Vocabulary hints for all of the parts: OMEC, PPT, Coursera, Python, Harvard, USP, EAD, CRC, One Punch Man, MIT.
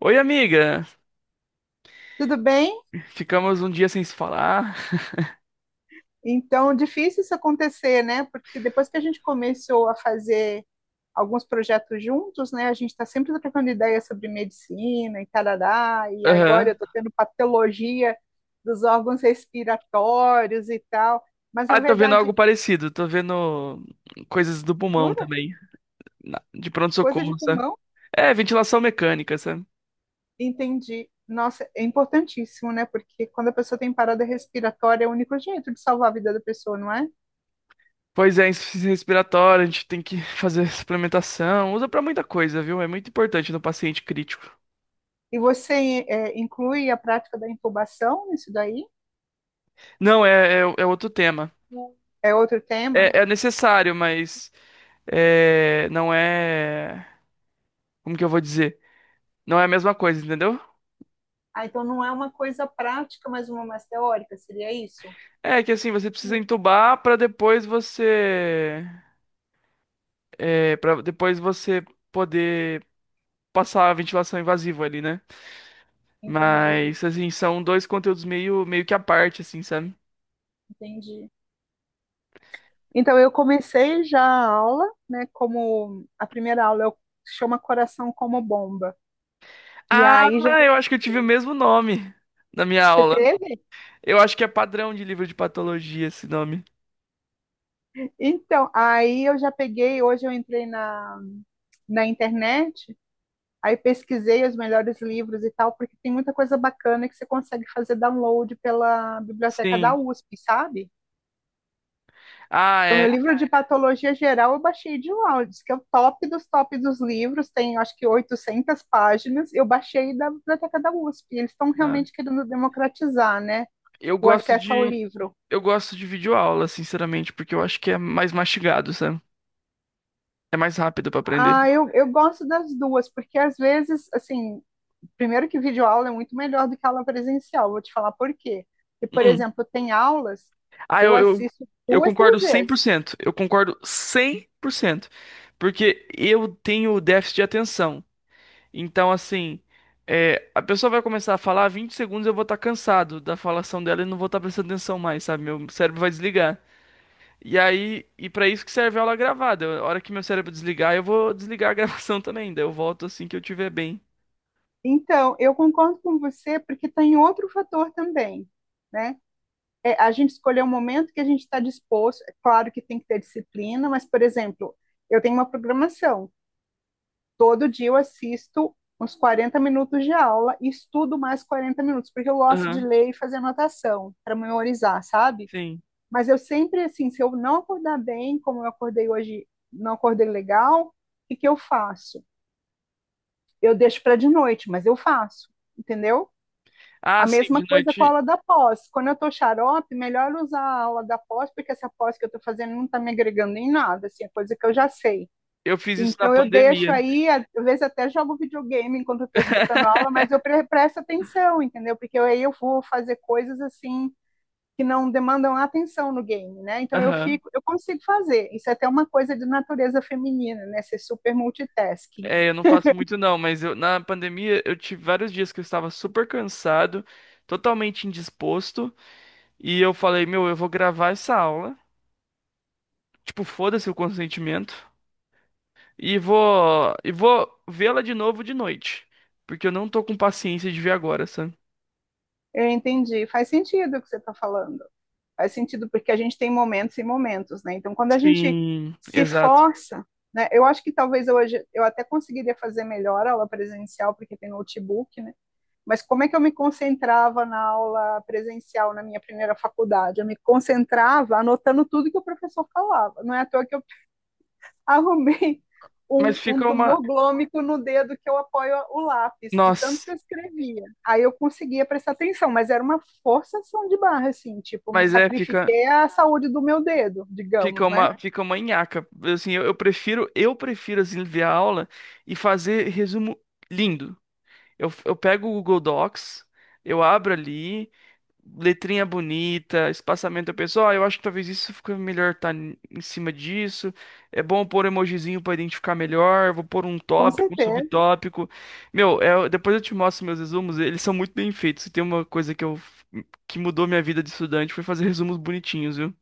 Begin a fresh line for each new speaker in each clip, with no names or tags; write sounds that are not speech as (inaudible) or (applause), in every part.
Oi, amiga.
Tudo bem?
Ficamos um dia sem se falar. (laughs)
Então, difícil isso acontecer, né? Porque depois que a gente começou a fazer alguns projetos juntos, né? A gente está sempre trocando ideias sobre medicina e tarará, e agora eu
Aham.
estou tendo patologia dos órgãos respiratórios e tal. Mas, na
Ah, tô vendo
verdade,
algo parecido. Tô vendo coisas do pulmão
jura?
também. De
Coisa de
pronto-socorro, sabe?
pulmão?
É, ventilação mecânica, sabe?
Entendi. Nossa, é importantíssimo, né? Porque quando a pessoa tem parada respiratória, é o único jeito de salvar a vida da pessoa, não é?
Pois é, insuficiência respiratória, a gente tem que (laughs) fazer suplementação. Usa pra muita coisa, viu? É muito importante no paciente crítico.
E você, inclui a prática da intubação nisso daí?
Não, é outro tema.
É outro tema?
É, é necessário, mas não é. Como que eu vou dizer? Não é a mesma coisa, entendeu?
Ah, então não é uma coisa prática, mas uma mais teórica, seria isso?
É que assim, você precisa entubar pra depois você para depois você poder passar a ventilação invasiva ali, né?
Entendi,
Mas assim, são dois conteúdos meio que à parte assim, sabe?
entendi. Então eu comecei já a aula, né? Como a primeira aula eu chama Coração como Bomba. E
Ah,
aí já
eu acho que eu tive o mesmo nome na minha
você
aula.
teve?
Eu acho que é padrão de livro de patologia esse nome.
Então, aí eu já peguei, hoje eu entrei na internet, aí pesquisei os melhores livros e tal, porque tem muita coisa bacana que você consegue fazer download pela biblioteca da
Sim.
USP, sabe?
Ah,
O
é.
meu livro de patologia geral eu baixei de lá, diz que é o top dos livros, tem acho que 800 páginas, eu baixei da biblioteca da USP, eles estão
Ah,
realmente querendo democratizar, né,
Eu
o
gosto
acesso ao
de
livro.
eu gosto de videoaula, sinceramente, porque eu acho que é mais mastigado, sabe? É mais rápido pra aprender.
Ah, eu gosto das duas, porque às vezes, assim, primeiro que videoaula é muito melhor do que aula presencial, vou te falar por quê. E, por
Hum.
exemplo, tem aulas
Ah,
que eu
eu, eu,
assisto
eu
duas,
concordo
três
cem por
vezes.
cento. Eu concordo 100%, porque eu tenho déficit de atenção. Então, assim, a pessoa vai começar a falar 20 segundos, eu vou estar cansado da falação dela e não vou estar prestando atenção mais, sabe? Meu cérebro vai desligar. E aí, e para isso que serve a aula gravada. A hora que meu cérebro desligar, eu vou desligar a (laughs) gravação também. Daí eu volto assim que eu tiver bem.
Então, eu concordo com você, porque tem outro fator também, né? É, a gente escolher o momento que a gente está disposto. É claro que tem que ter disciplina, mas, por exemplo, eu tenho uma programação. Todo dia eu assisto uns 40 minutos de aula e estudo mais 40 minutos, porque eu gosto de
Aham,
ler e fazer anotação para memorizar, sabe?
sim.
Mas eu sempre, assim, se eu não acordar bem, como eu acordei hoje, não acordei legal, o que eu faço? Eu deixo para de noite, mas eu faço, entendeu?
Ah,
A
sim,
mesma
de
coisa com a
noite
aula da pós. Quando eu estou xarope, melhor usar a aula da pós, porque essa pós que eu estou fazendo não está me agregando em nada, assim, é coisa que eu já sei.
eu fiz isso na
Então eu deixo
pandemia.
aí, às vezes até jogo videogame enquanto eu tô escutando a aula, mas eu
(laughs)
presto atenção, entendeu? Porque aí eu vou fazer coisas assim que não demandam atenção no game, né? Então eu
Aham.
fico, eu consigo fazer. Isso é até uma coisa de natureza feminina, né? Ser super multitasking.
É, eu não faço muito não, mas eu, na pandemia eu tive vários dias que eu estava super cansado, totalmente indisposto, e eu falei, meu, eu vou gravar essa aula, tipo, foda-se o consentimento, e vou vê-la de novo de noite, porque eu não tô com paciência de ver agora, sabe?
Eu entendi, faz sentido o que você está falando. Faz sentido, porque a gente tem momentos e momentos, né? Então, quando a gente
Sim,
se
exato.
força, né? Eu acho que talvez hoje eu até conseguiria fazer melhor a aula presencial, porque tem notebook, né? Mas como é que eu me concentrava na aula presencial na minha primeira faculdade? Eu me concentrava anotando tudo que o professor falava. Não é à toa que eu arrumei
Mas
um
fica uma,
tumor glômico no dedo que eu apoio o lápis, de tanto
nossa,
que eu escrevia. Aí eu conseguia prestar atenção, mas era uma forçação de barra, assim, tipo, me
mas é fica
sacrifiquei a saúde do meu dedo,
fica
digamos, né?
uma nhaca. Assim, eu prefiro assim ver a aula e fazer resumo lindo. Eu pego o Google Docs, eu abro ali, letrinha bonita, espaçamento. Eu penso, ó, eu acho que talvez isso fique melhor em cima disso. É bom pôr emojizinho pra identificar melhor. Vou pôr um
Com
tópico, um
certeza.
subtópico. Meu, depois eu te mostro meus resumos, eles são muito bem feitos. Se tem uma coisa que mudou minha vida de estudante foi fazer resumos bonitinhos, viu?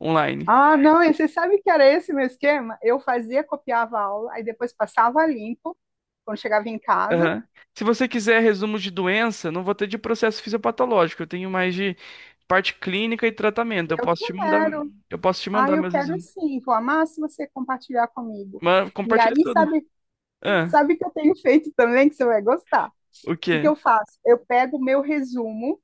Online.
Ah, não, e você sabe que era esse meu esquema? Eu fazia, copiava a aula, aí depois passava limpo, quando chegava em casa,
Aham. Se você quiser resumos de doença, não vou ter de processo fisiopatológico. Eu tenho mais de parte clínica e tratamento. Eu
eu
posso te mandar,
quero.
eu posso te
Ah,
mandar
eu
meus
quero
resultados.
sim, vou amar se você compartilhar comigo.
Mas
E
compartilhe
aí,
tudo.
sabe,
Ah,
sabe que eu tenho feito também, que você vai gostar? O
o
que que
quê?
eu faço? Eu pego o meu resumo,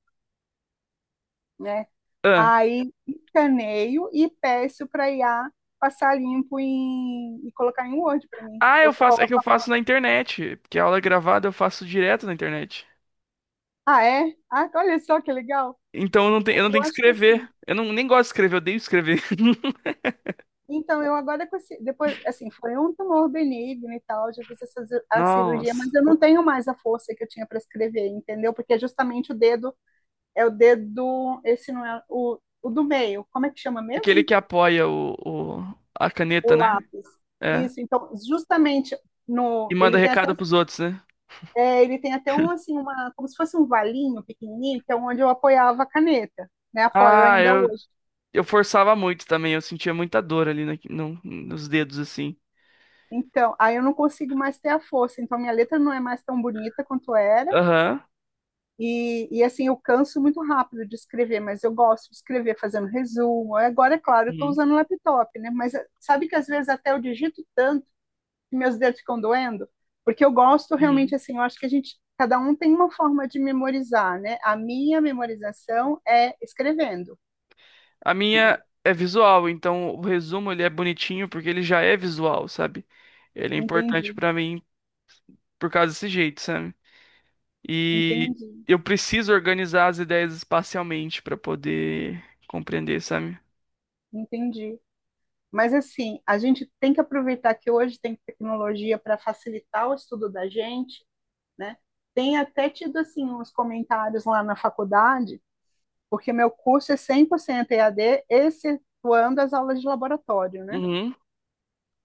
né?
Ah.
Aí escaneio e peço para IA passar limpo e colocar em Word para mim.
Ah, eu
Eu
faço, é
coloco,
que eu faço na internet, porque a aula é gravada eu faço direto na internet.
ah, é? Ah, olha só que legal.
Então eu não tenho
Eu
que
acho que
escrever.
assim.
Eu não, nem gosto de escrever, eu odeio escrever. (laughs)
Então, eu agora com depois, assim, foi um tumor benigno e tal, já fiz essa a cirurgia, mas
Nossa.
eu não tenho mais a força que eu tinha para escrever, entendeu? Porque é justamente o dedo é o dedo, esse não é o do meio. Como é que chama
Aquele
mesmo?
que apoia a caneta,
O
né?
lápis.
É.
Isso, então, justamente
E
no,
manda
ele tem até,
recado pros outros, né?
é, ele tem até um assim, uma, como se fosse um valinho pequenininho, que é onde eu apoiava a caneta, né? Apoio
Ah,
ainda hoje.
eu forçava muito também. Eu sentia muita dor ali nos dedos, assim.
Então, aí eu não consigo mais ter a força, então minha letra não é mais tão bonita quanto era.
Aham.
E assim, eu canso muito rápido de escrever, mas eu gosto de escrever fazendo resumo. Agora, é claro, eu estou
Uhum.
usando laptop, né? Mas sabe que às vezes até eu digito tanto meus dedos ficam doendo, porque eu gosto realmente
Uhum.
assim, eu acho que a gente, cada um tem uma forma de memorizar, né? A minha memorização é escrevendo.
A minha é visual, então o resumo ele é bonitinho porque ele já é visual, sabe? Ele é importante
Entendi,
pra mim por causa desse jeito, sabe? E
entendi,
eu preciso organizar as ideias espacialmente pra poder compreender, sabe?
entendi. Mas assim, a gente tem que aproveitar que hoje tem tecnologia para facilitar o estudo da gente, né? Tem até tido assim uns comentários lá na faculdade, porque meu curso é 100% EAD, excetuando as aulas de laboratório, né?
Uhum.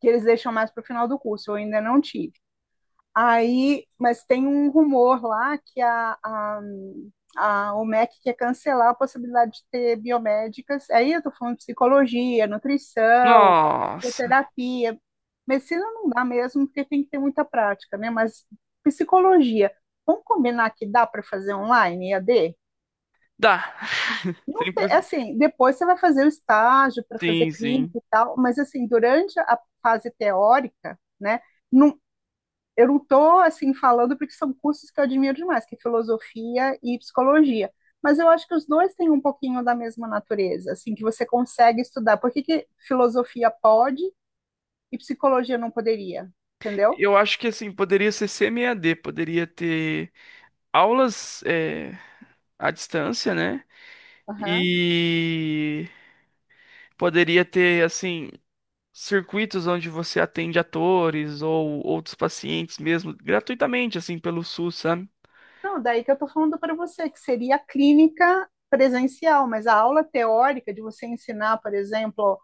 Que eles deixam mais para o final do curso, eu ainda não tive. Aí, mas tem um rumor lá que a OMEC quer cancelar a possibilidade de ter biomédicas. Aí eu estou falando de psicologia, nutrição,
Nossa,
bioterapia. Medicina não dá mesmo, porque tem que ter muita prática, né? Mas psicologia, vamos combinar que dá para fazer online, EAD?
dá. (laughs)
Não te- É
100%.
assim, depois você vai fazer o estágio para fazer
Sim, sim.
clínica e tal, mas assim, durante a fase teórica, né? Eu não estou assim falando porque são cursos que eu admiro demais, que é filosofia e psicologia. Mas eu acho que os dois têm um pouquinho da mesma natureza, assim, que você consegue estudar. Por que que filosofia pode e psicologia não poderia? Entendeu?
Eu acho que assim, poderia ser CMAD, poderia ter aulas à distância, né?
Aham.
E poderia ter assim circuitos onde você atende atores ou outros pacientes mesmo, gratuitamente, assim, pelo SUS, sabe?
Não, daí que eu estou falando para você, que seria a clínica presencial, mas a aula teórica de você ensinar, por exemplo,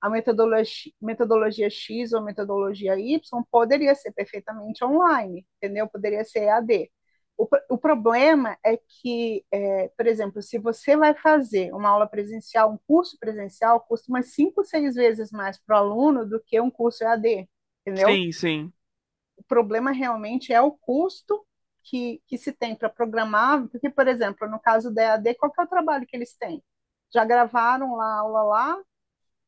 a metodologia, metodologia X ou metodologia Y poderia ser perfeitamente online, entendeu? Poderia ser EAD. O problema é que, é, por exemplo, se você vai fazer uma aula presencial, um curso presencial, custa umas cinco, seis vezes mais para o aluno do que um curso EAD, entendeu?
Sim, sim.
O problema realmente é o custo que se tem para programar, porque, por exemplo, no caso da EAD, qual que é o trabalho que eles têm? Já gravaram lá a aula lá,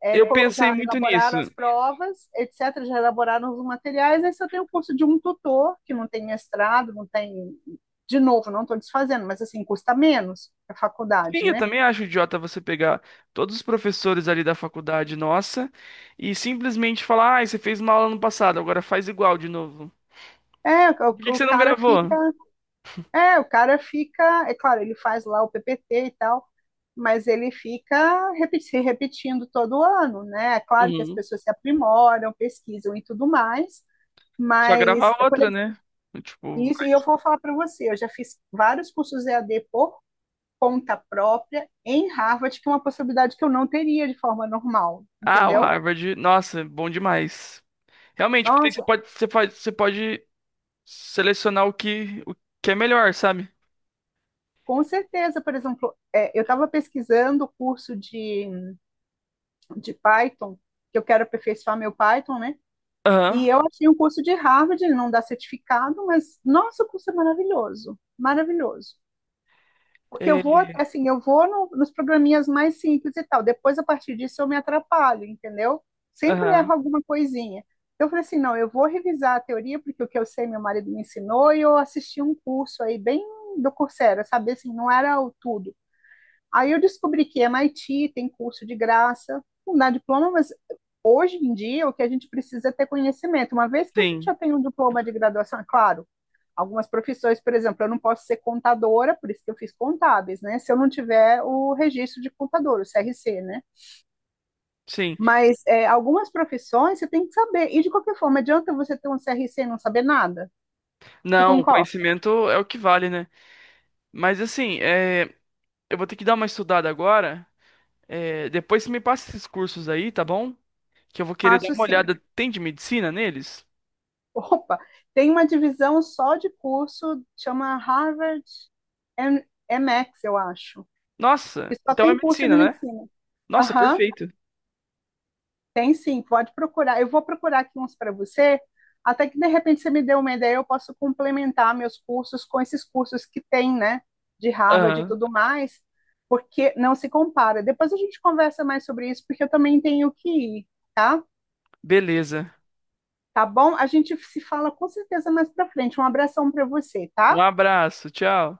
é,
Eu pensei
já
muito nisso.
elaboraram as provas, etc., já elaboraram os materiais, aí só tem o curso de um tutor, que não tem mestrado, não tem. De novo, não estou desfazendo, mas assim, custa menos a faculdade,
Sim, eu
né?
também acho idiota você pegar todos os professores ali da faculdade nossa e simplesmente falar, ah, você fez uma aula no passado, agora faz igual de novo.
É, o,
Por que que
o
você não
cara fica.
gravou?
É, o cara fica. É claro, ele faz lá o PPT e tal, mas ele fica se repetindo todo ano, né? É claro que as
Uhum.
pessoas se aprimoram, pesquisam e tudo mais,
Só
mas
gravar
por
outra,
exemplo,
né? Tipo,
isso, e eu vou falar para você, eu já fiz vários cursos EAD por conta própria em Harvard, que é uma possibilidade que eu não teria de forma normal,
ah, o
entendeu?
Harvard, nossa, bom demais. Realmente, porque
Nossa,
você pode selecionar o que é melhor, sabe?
com certeza, por exemplo, é, eu estava pesquisando o curso de Python, que eu quero aperfeiçoar meu Python, né?
Aham,
E eu achei um curso de Harvard, ele não dá certificado, mas nossa, o curso é maravilhoso, maravilhoso. Porque eu vou,
é,
assim, eu vou nos programinhas mais simples e tal. Depois, a partir disso, eu me atrapalho, entendeu? Sempre erro
aham,
alguma coisinha. Eu falei assim, não, eu vou revisar a teoria, porque o que eu sei meu marido me ensinou, e eu assisti um curso aí bem do Coursera, sabe? Assim, não era o tudo. Aí eu descobri que MIT tem curso de graça, não dá diploma, mas hoje em dia o que a gente precisa é ter conhecimento. Uma vez que a gente
sim,
já tem um diploma de graduação, é claro, algumas profissões, por exemplo, eu não posso ser contadora, por isso que eu fiz contábeis, né? Se eu não tiver o registro de contador, o CRC, né?
sim.
Mas é, algumas profissões você tem que saber. E de qualquer forma, adianta você ter um CRC e não saber nada? Você
Não, o
concorda?
conhecimento é o que vale, né? Mas assim, eu vou ter que dar uma estudada agora. É, depois você me passa esses cursos aí, tá bom? Que eu vou querer dar
Faço
uma
sim.
olhada. Tem de medicina neles?
Opa, tem uma divisão só de curso, chama Harvard M- MX, eu acho,
Nossa,
que só
então é
tem curso
medicina,
de
né?
medicina.
Nossa,
Aham,
perfeito.
tem sim, pode procurar. Eu vou procurar aqui uns para você, até que de repente você me dê uma ideia, eu posso complementar meus cursos com esses cursos que tem, né, de Harvard e
Aham,
tudo mais, porque não se compara. Depois a gente conversa mais sobre isso, porque eu também tenho que ir, tá?
beleza.
Tá bom? A gente se fala com certeza mais para frente. Um abração para você,
Um
tá?
abraço, tchau.